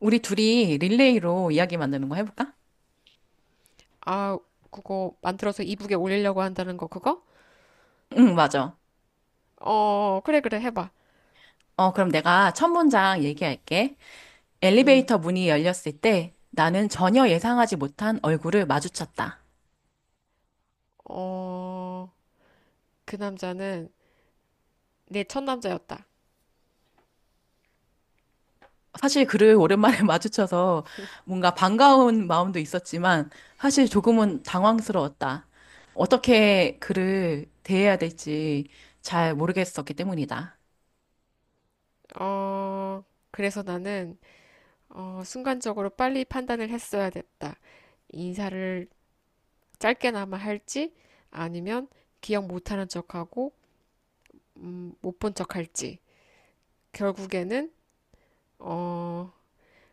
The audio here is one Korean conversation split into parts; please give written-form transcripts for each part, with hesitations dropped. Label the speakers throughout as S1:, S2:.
S1: 우리 둘이 릴레이로 이야기 만드는 거 해볼까?
S2: 아, 그거 만들어서 이북에 올리려고 한다는 거 그거?
S1: 응, 맞아.
S2: 그래 그래 해봐.
S1: 그럼 내가 첫 문장 얘기할게.
S2: 음.
S1: 엘리베이터 문이 열렸을 때 나는 전혀 예상하지 못한 얼굴을 마주쳤다.
S2: 어, 그 남자는 내 첫 남자였다.
S1: 사실 그를 오랜만에 마주쳐서 뭔가 반가운 마음도 있었지만 사실 조금은 당황스러웠다. 어떻게 그를 대해야 될지 잘 모르겠었기 때문이다.
S2: 어, 그래서 나는 순간적으로 빨리 판단을 했어야 됐다. 인사를 짧게나마 할지 아니면 기억 못하는 척하고 못 본 척할지 결국에는 어,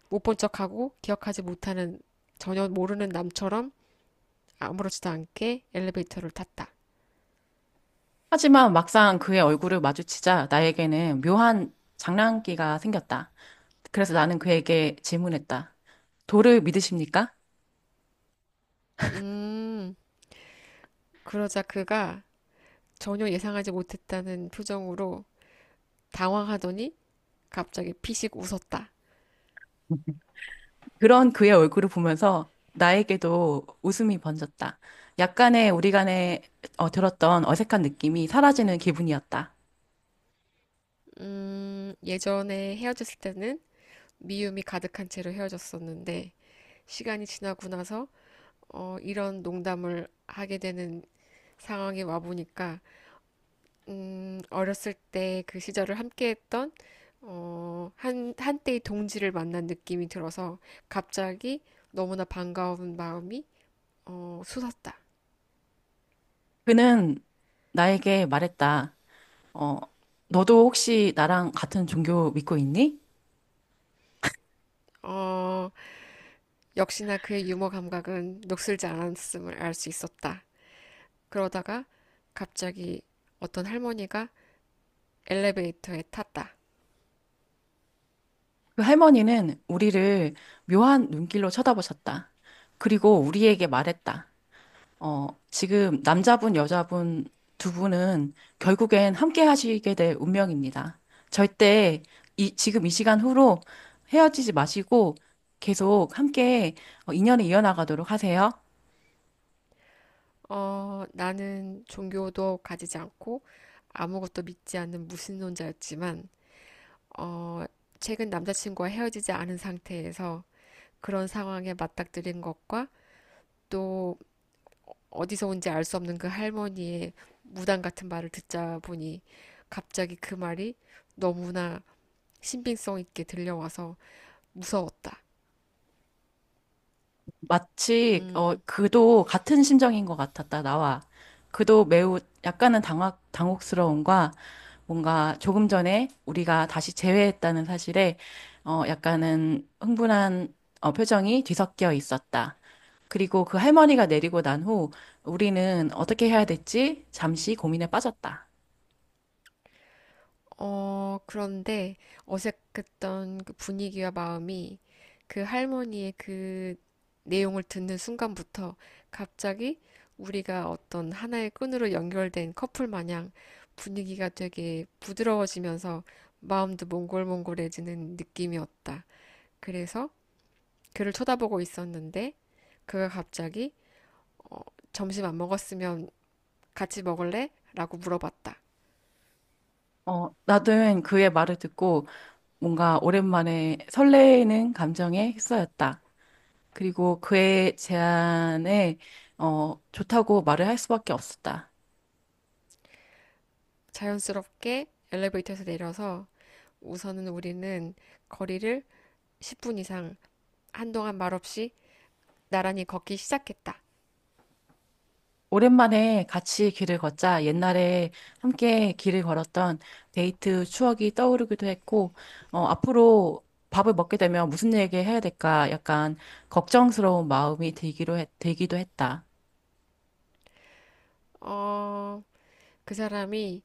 S2: 못 본 척하고 기억하지 못하는 전혀 모르는 남처럼 아무렇지도 않게 엘리베이터를 탔다.
S1: 하지만 막상 그의 얼굴을 마주치자 나에게는 묘한 장난기가 생겼다. 그래서 나는 그에게 질문했다. 도를 믿으십니까?
S2: 음, 그러자 그가 전혀 예상하지 못했다는 표정으로 당황하더니 갑자기 피식 웃었다.
S1: 그런 그의 얼굴을 보면서 나에게도 웃음이 번졌다. 약간의 우리 간에 들었던 어색한 느낌이 사라지는 기분이었다.
S2: 예전에 헤어졌을 때는 미움이 가득한 채로 헤어졌었는데 시간이 지나고 나서 이런 농담을 하게 되는 상황이 와보니까 어렸을 때 그 시절을 함께했던 한때의 동지를 만난 느낌이 들어서 갑자기 너무나 반가운 마음이 솟았다.
S1: 그는 나에게 말했다. 어, 너도 혹시 나랑 같은 종교 믿고 있니?
S2: 어, 역시나 그의 유머 감각은 녹슬지 않았음을 알 수 있었다. 그러다가 갑자기 어떤 할머니가 엘리베이터에 탔다.
S1: 그 할머니는 우리를 묘한 눈길로 쳐다보셨다. 그리고 우리에게 말했다. 지금 남자분, 여자분 두 분은 결국엔 함께 하시게 될 운명입니다. 절대 지금 이 시간 후로 헤어지지 마시고 계속 함께 인연을 이어나가도록 하세요.
S2: 나는 종교도 가지지 않고 아무것도 믿지 않는 무신론자였지만, 어, 최근 남자친구와 헤어지지 않은 상태에서 그런 상황에 맞닥뜨린 것과 또 어디서 온지 알 수 없는 그 할머니의 무당 같은 말을 듣자 보니 갑자기 그 말이 너무나 신빙성 있게 들려와서 무서웠다.
S1: 마치
S2: 음,
S1: 그도 같은 심정인 것 같았다 나와 그도 매우 약간은 당황 당혹스러움과 뭔가 조금 전에 우리가 다시 재회했다는 사실에 약간은 흥분한 표정이 뒤섞여 있었다. 그리고 그 할머니가 내리고 난 후 우리는 어떻게 해야 될지 잠시 고민에 빠졌다.
S2: 그런데 어색했던 그 분위기와 마음이 그 할머니의 그 내용을 듣는 순간부터 갑자기 우리가 어떤 하나의 끈으로 연결된 커플 마냥 분위기가 되게 부드러워지면서 마음도 몽골몽골해지는 느낌이었다. 그래서 그를 쳐다보고 있었는데 그가 갑자기 어, 점심 안 먹었으면 같이 먹을래 라고 물어봤다.
S1: 나는 그의 말을 듣고 뭔가 오랜만에 설레는 감정에 휩싸였다. 그리고 그의 제안에 좋다고 말을 할 수밖에 없었다.
S2: 자연스럽게 엘리베이터에서 내려서 우선은 우리는 거리를 10분 이상 한동안 말없이 나란히 걷기 시작했다.
S1: 오랜만에 같이 길을 걷자 옛날에 함께 길을 걸었던 데이트 추억이 떠오르기도 했고, 앞으로 밥을 먹게 되면 무슨 얘기 해야 될까 약간 걱정스러운 마음이 들기도 했다.
S2: 어, 그 사람이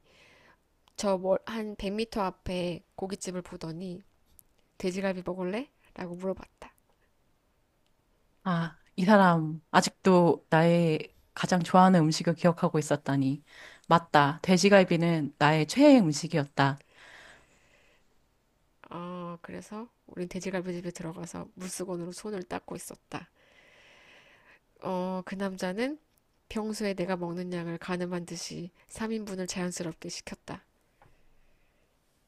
S2: 한 100m 앞에 고깃집을 보더니 돼지갈비 먹을래 라고 물어봤다.
S1: 아, 이 사람 아직도 나의 가장 좋아하는 음식을 기억하고 있었다니. 맞다. 돼지갈비는 나의 최애 음식이었다.
S2: 그래서 우린 돼지갈비집에 들어가서 물수건으로 손을 닦고 있었다. 그 남자는 평소에 내가 먹는 양을 가늠한 듯이 3인분을 자연스럽게 시켰다.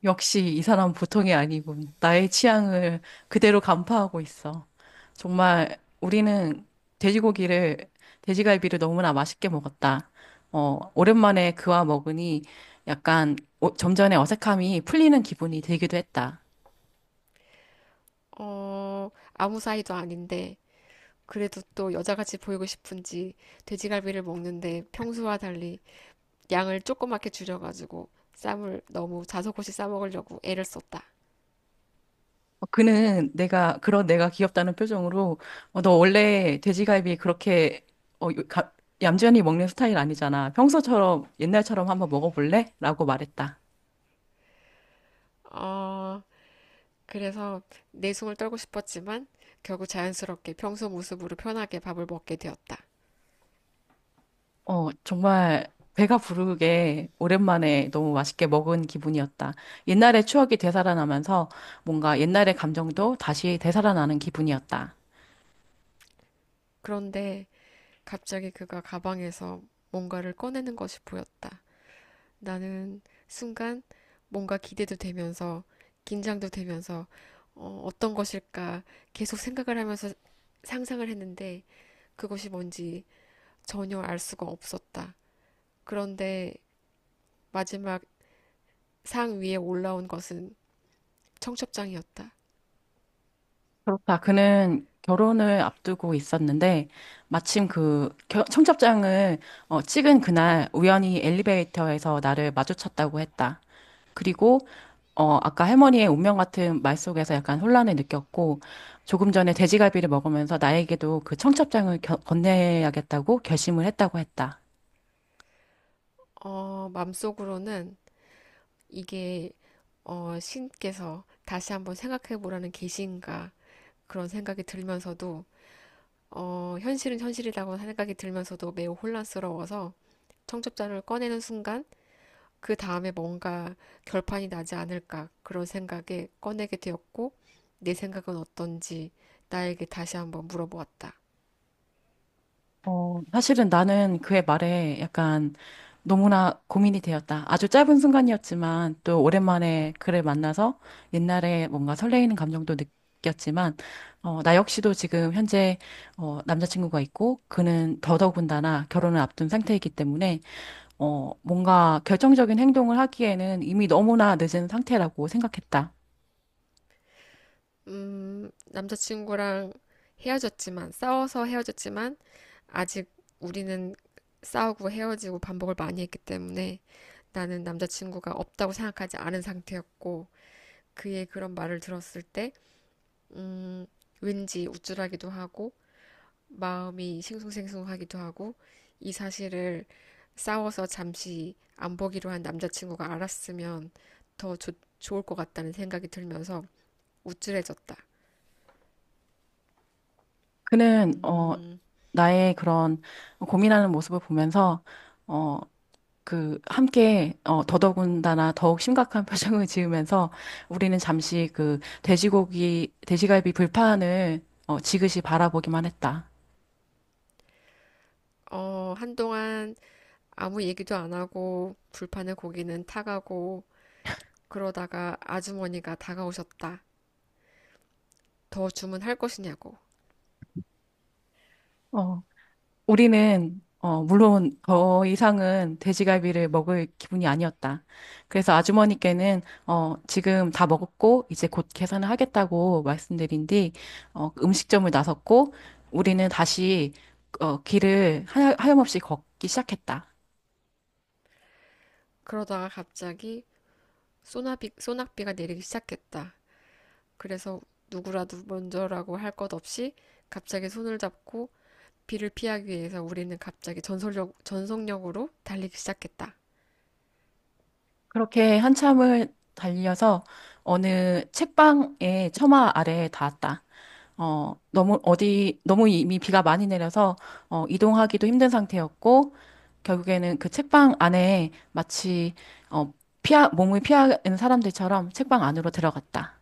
S1: 역시 이 사람 보통이 아니군. 나의 취향을 그대로 간파하고 있어. 정말 우리는 돼지고기를, 돼지갈비를 너무나 맛있게 먹었다. 오랜만에 그와 먹으니 약간 점잖의 어색함이 풀리는 기분이 들기도 했다.
S2: 어, 아무 사이도 아닌데 그래도 또 여자같이 보이고 싶은지 돼지갈비를 먹는데 평소와 달리 양을 조그맣게 줄여가지고 쌈을 너무 자석없이 싸먹으려고 애를 썼다.
S1: 그는 그런 내가 귀엽다는 표정으로 너 원래 돼지갈비 그렇게 어, 요- 가- 얌전히 먹는 스타일 아니잖아. 평소처럼 옛날처럼 한번 먹어볼래? 라고 말했다.
S2: 어, 그래서 내숭을 떨고 싶었지만 결국 자연스럽게 평소 모습으로 편하게 밥을 먹게 되었다.
S1: 정말 배가 부르게 오랜만에 너무 맛있게 먹은 기분이었다. 옛날의 추억이 되살아나면서 뭔가 옛날의 감정도 다시 되살아나는 기분이었다.
S2: 그런데 갑자기 그가 가방에서 뭔가를 꺼내는 것이 보였다. 나는 순간 뭔가 기대도 되면서 긴장도 되면서 어떤 것일까 계속 생각을 하면서 상상을 했는데 그것이 뭔지 전혀 알 수가 없었다. 그런데 마지막 상 위에 올라온 것은 청첩장이었다.
S1: 그렇다. 그는 결혼을 앞두고 있었는데 마침 청첩장을 찍은 그날 우연히 엘리베이터에서 나를 마주쳤다고 했다. 그리고 아까 할머니의 운명 같은 말 속에서 약간 혼란을 느꼈고 조금 전에 돼지갈비를 먹으면서 나에게도 그 청첩장을 건네야겠다고 결심을 했다고 했다.
S2: 속으로는 이게 신께서 다시 한번 생각해 보라는 계시인가 그런 생각이 들면서도 현실은 현실이라고 생각이 들면서도 매우 혼란스러워서 청첩장을 꺼내는 순간 그 다음에 뭔가 결판이 나지 않을까 그런 생각에 꺼내게 되었고 내 생각은 어떤지 나에게 다시 한번 물어보았다.
S1: 사실은 나는 그의 말에 약간 너무나 고민이 되었다. 아주 짧은 순간이었지만 또 오랜만에 그를 만나서 옛날에 뭔가 설레이는 감정도 느꼈지만 나 역시도 지금 현재 남자친구가 있고 그는 더더군다나 결혼을 앞둔 상태이기 때문에 뭔가 결정적인 행동을 하기에는 이미 너무나 늦은 상태라고 생각했다.
S2: 남자친구랑 헤어졌지만 싸워서 헤어졌지만 아직 우리는 싸우고 헤어지고 반복을 많이 했기 때문에 나는 남자친구가 없다고 생각하지 않은 상태였고 그의 그런 말을 들었을 때 음, 왠지 우쭐하기도 하고 마음이 싱숭생숭하기도 하고 이 사실을 싸워서 잠시 안 보기로 한 남자친구가 알았으면 좋을 것 같다는 생각이 들면서 우쭐해졌다.
S1: 그는, 어, 나의 그런 고민하는 모습을 보면서, 어, 함께, 더더군다나 더욱 심각한 표정을 지으면서 우리는 잠시 그 돼지갈비 불판을, 지그시 바라보기만 했다.
S2: 한동안 아무 얘기도 안 하고 불판의 고기는 타가고 그러다가 아주머니가 다가오셨다. 더 주문할 것이냐고.
S1: 어, 우리는 물론 더 이상은 돼지갈비를 먹을 기분이 아니었다. 그래서 아주머니께는 지금 다 먹었고 이제 곧 계산을 하겠다고 말씀드린 뒤 음식점을 나섰고 우리는 다시 하염없이 걷기 시작했다.
S2: 그러다가 갑자기 소낙비가 내리기 시작했다. 그래서 누구라도 먼저라고 할 것 없이 갑자기 손을 잡고 비를 피하기 위해서 우리는 갑자기 전속력으로 달리기 시작했다.
S1: 그렇게 한참을 달려서 어느 책방의 처마 아래에 닿았다. 너무 이미 비가 많이 내려서 이동하기도 힘든 상태였고 결국에는 그 책방 안에 마치 어, 피하 몸을 피하는 사람들처럼 책방 안으로 들어갔다.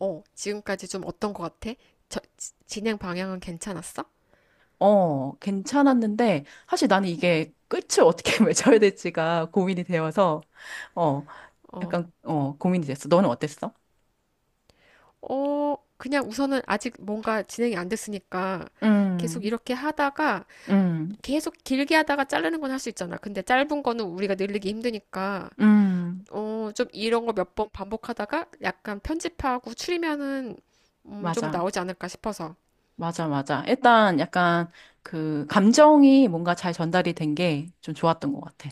S2: 지금까지 좀 어떤 것 같아? 저, 진행 방향은 괜찮았어?
S1: 괜찮았는데 사실 나는 이게 끝을 어떻게 맺어야 될지가 고민이 되어서 어,
S2: 어,
S1: 약간 고민이 됐어. 너는 어땠어?
S2: 그냥 우선은 아직 뭔가 진행이 안 됐으니까 계속
S1: 음.
S2: 이렇게 하다가
S1: 음.
S2: 계속 길게 하다가 자르는 건 할 수 있잖아. 근데 짧은 거는 우리가 늘리기 힘드니까
S1: 음.
S2: 좀 이런 거 몇 번 반복하다가 약간 편집하고 추리면은 좀
S1: 맞아.
S2: 나오지 않을까 싶어서.
S1: 맞아, 맞아. 일단 약간 그 감정이 뭔가 잘 전달이 된 게 좀 좋았던 것 같아.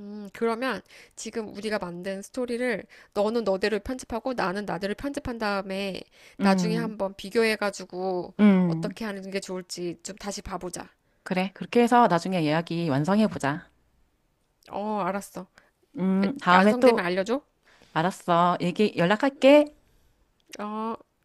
S2: 그러면 지금 우리가 만든 스토리를 너는 너대로 편집하고 나는 나대로 편집한 다음에 나중에
S1: 음.
S2: 한번 비교해가지고
S1: 음.
S2: 어떻게 하는 게 좋을지 좀 다시 봐보자.
S1: 그래. 그렇게 해서 나중에 이야기 완성해보자.
S2: 어, 알았어.
S1: 다음에
S2: 완성되면
S1: 또,
S2: 알려줘.
S1: 알았어. 얘기, 연락할게.
S2: 어.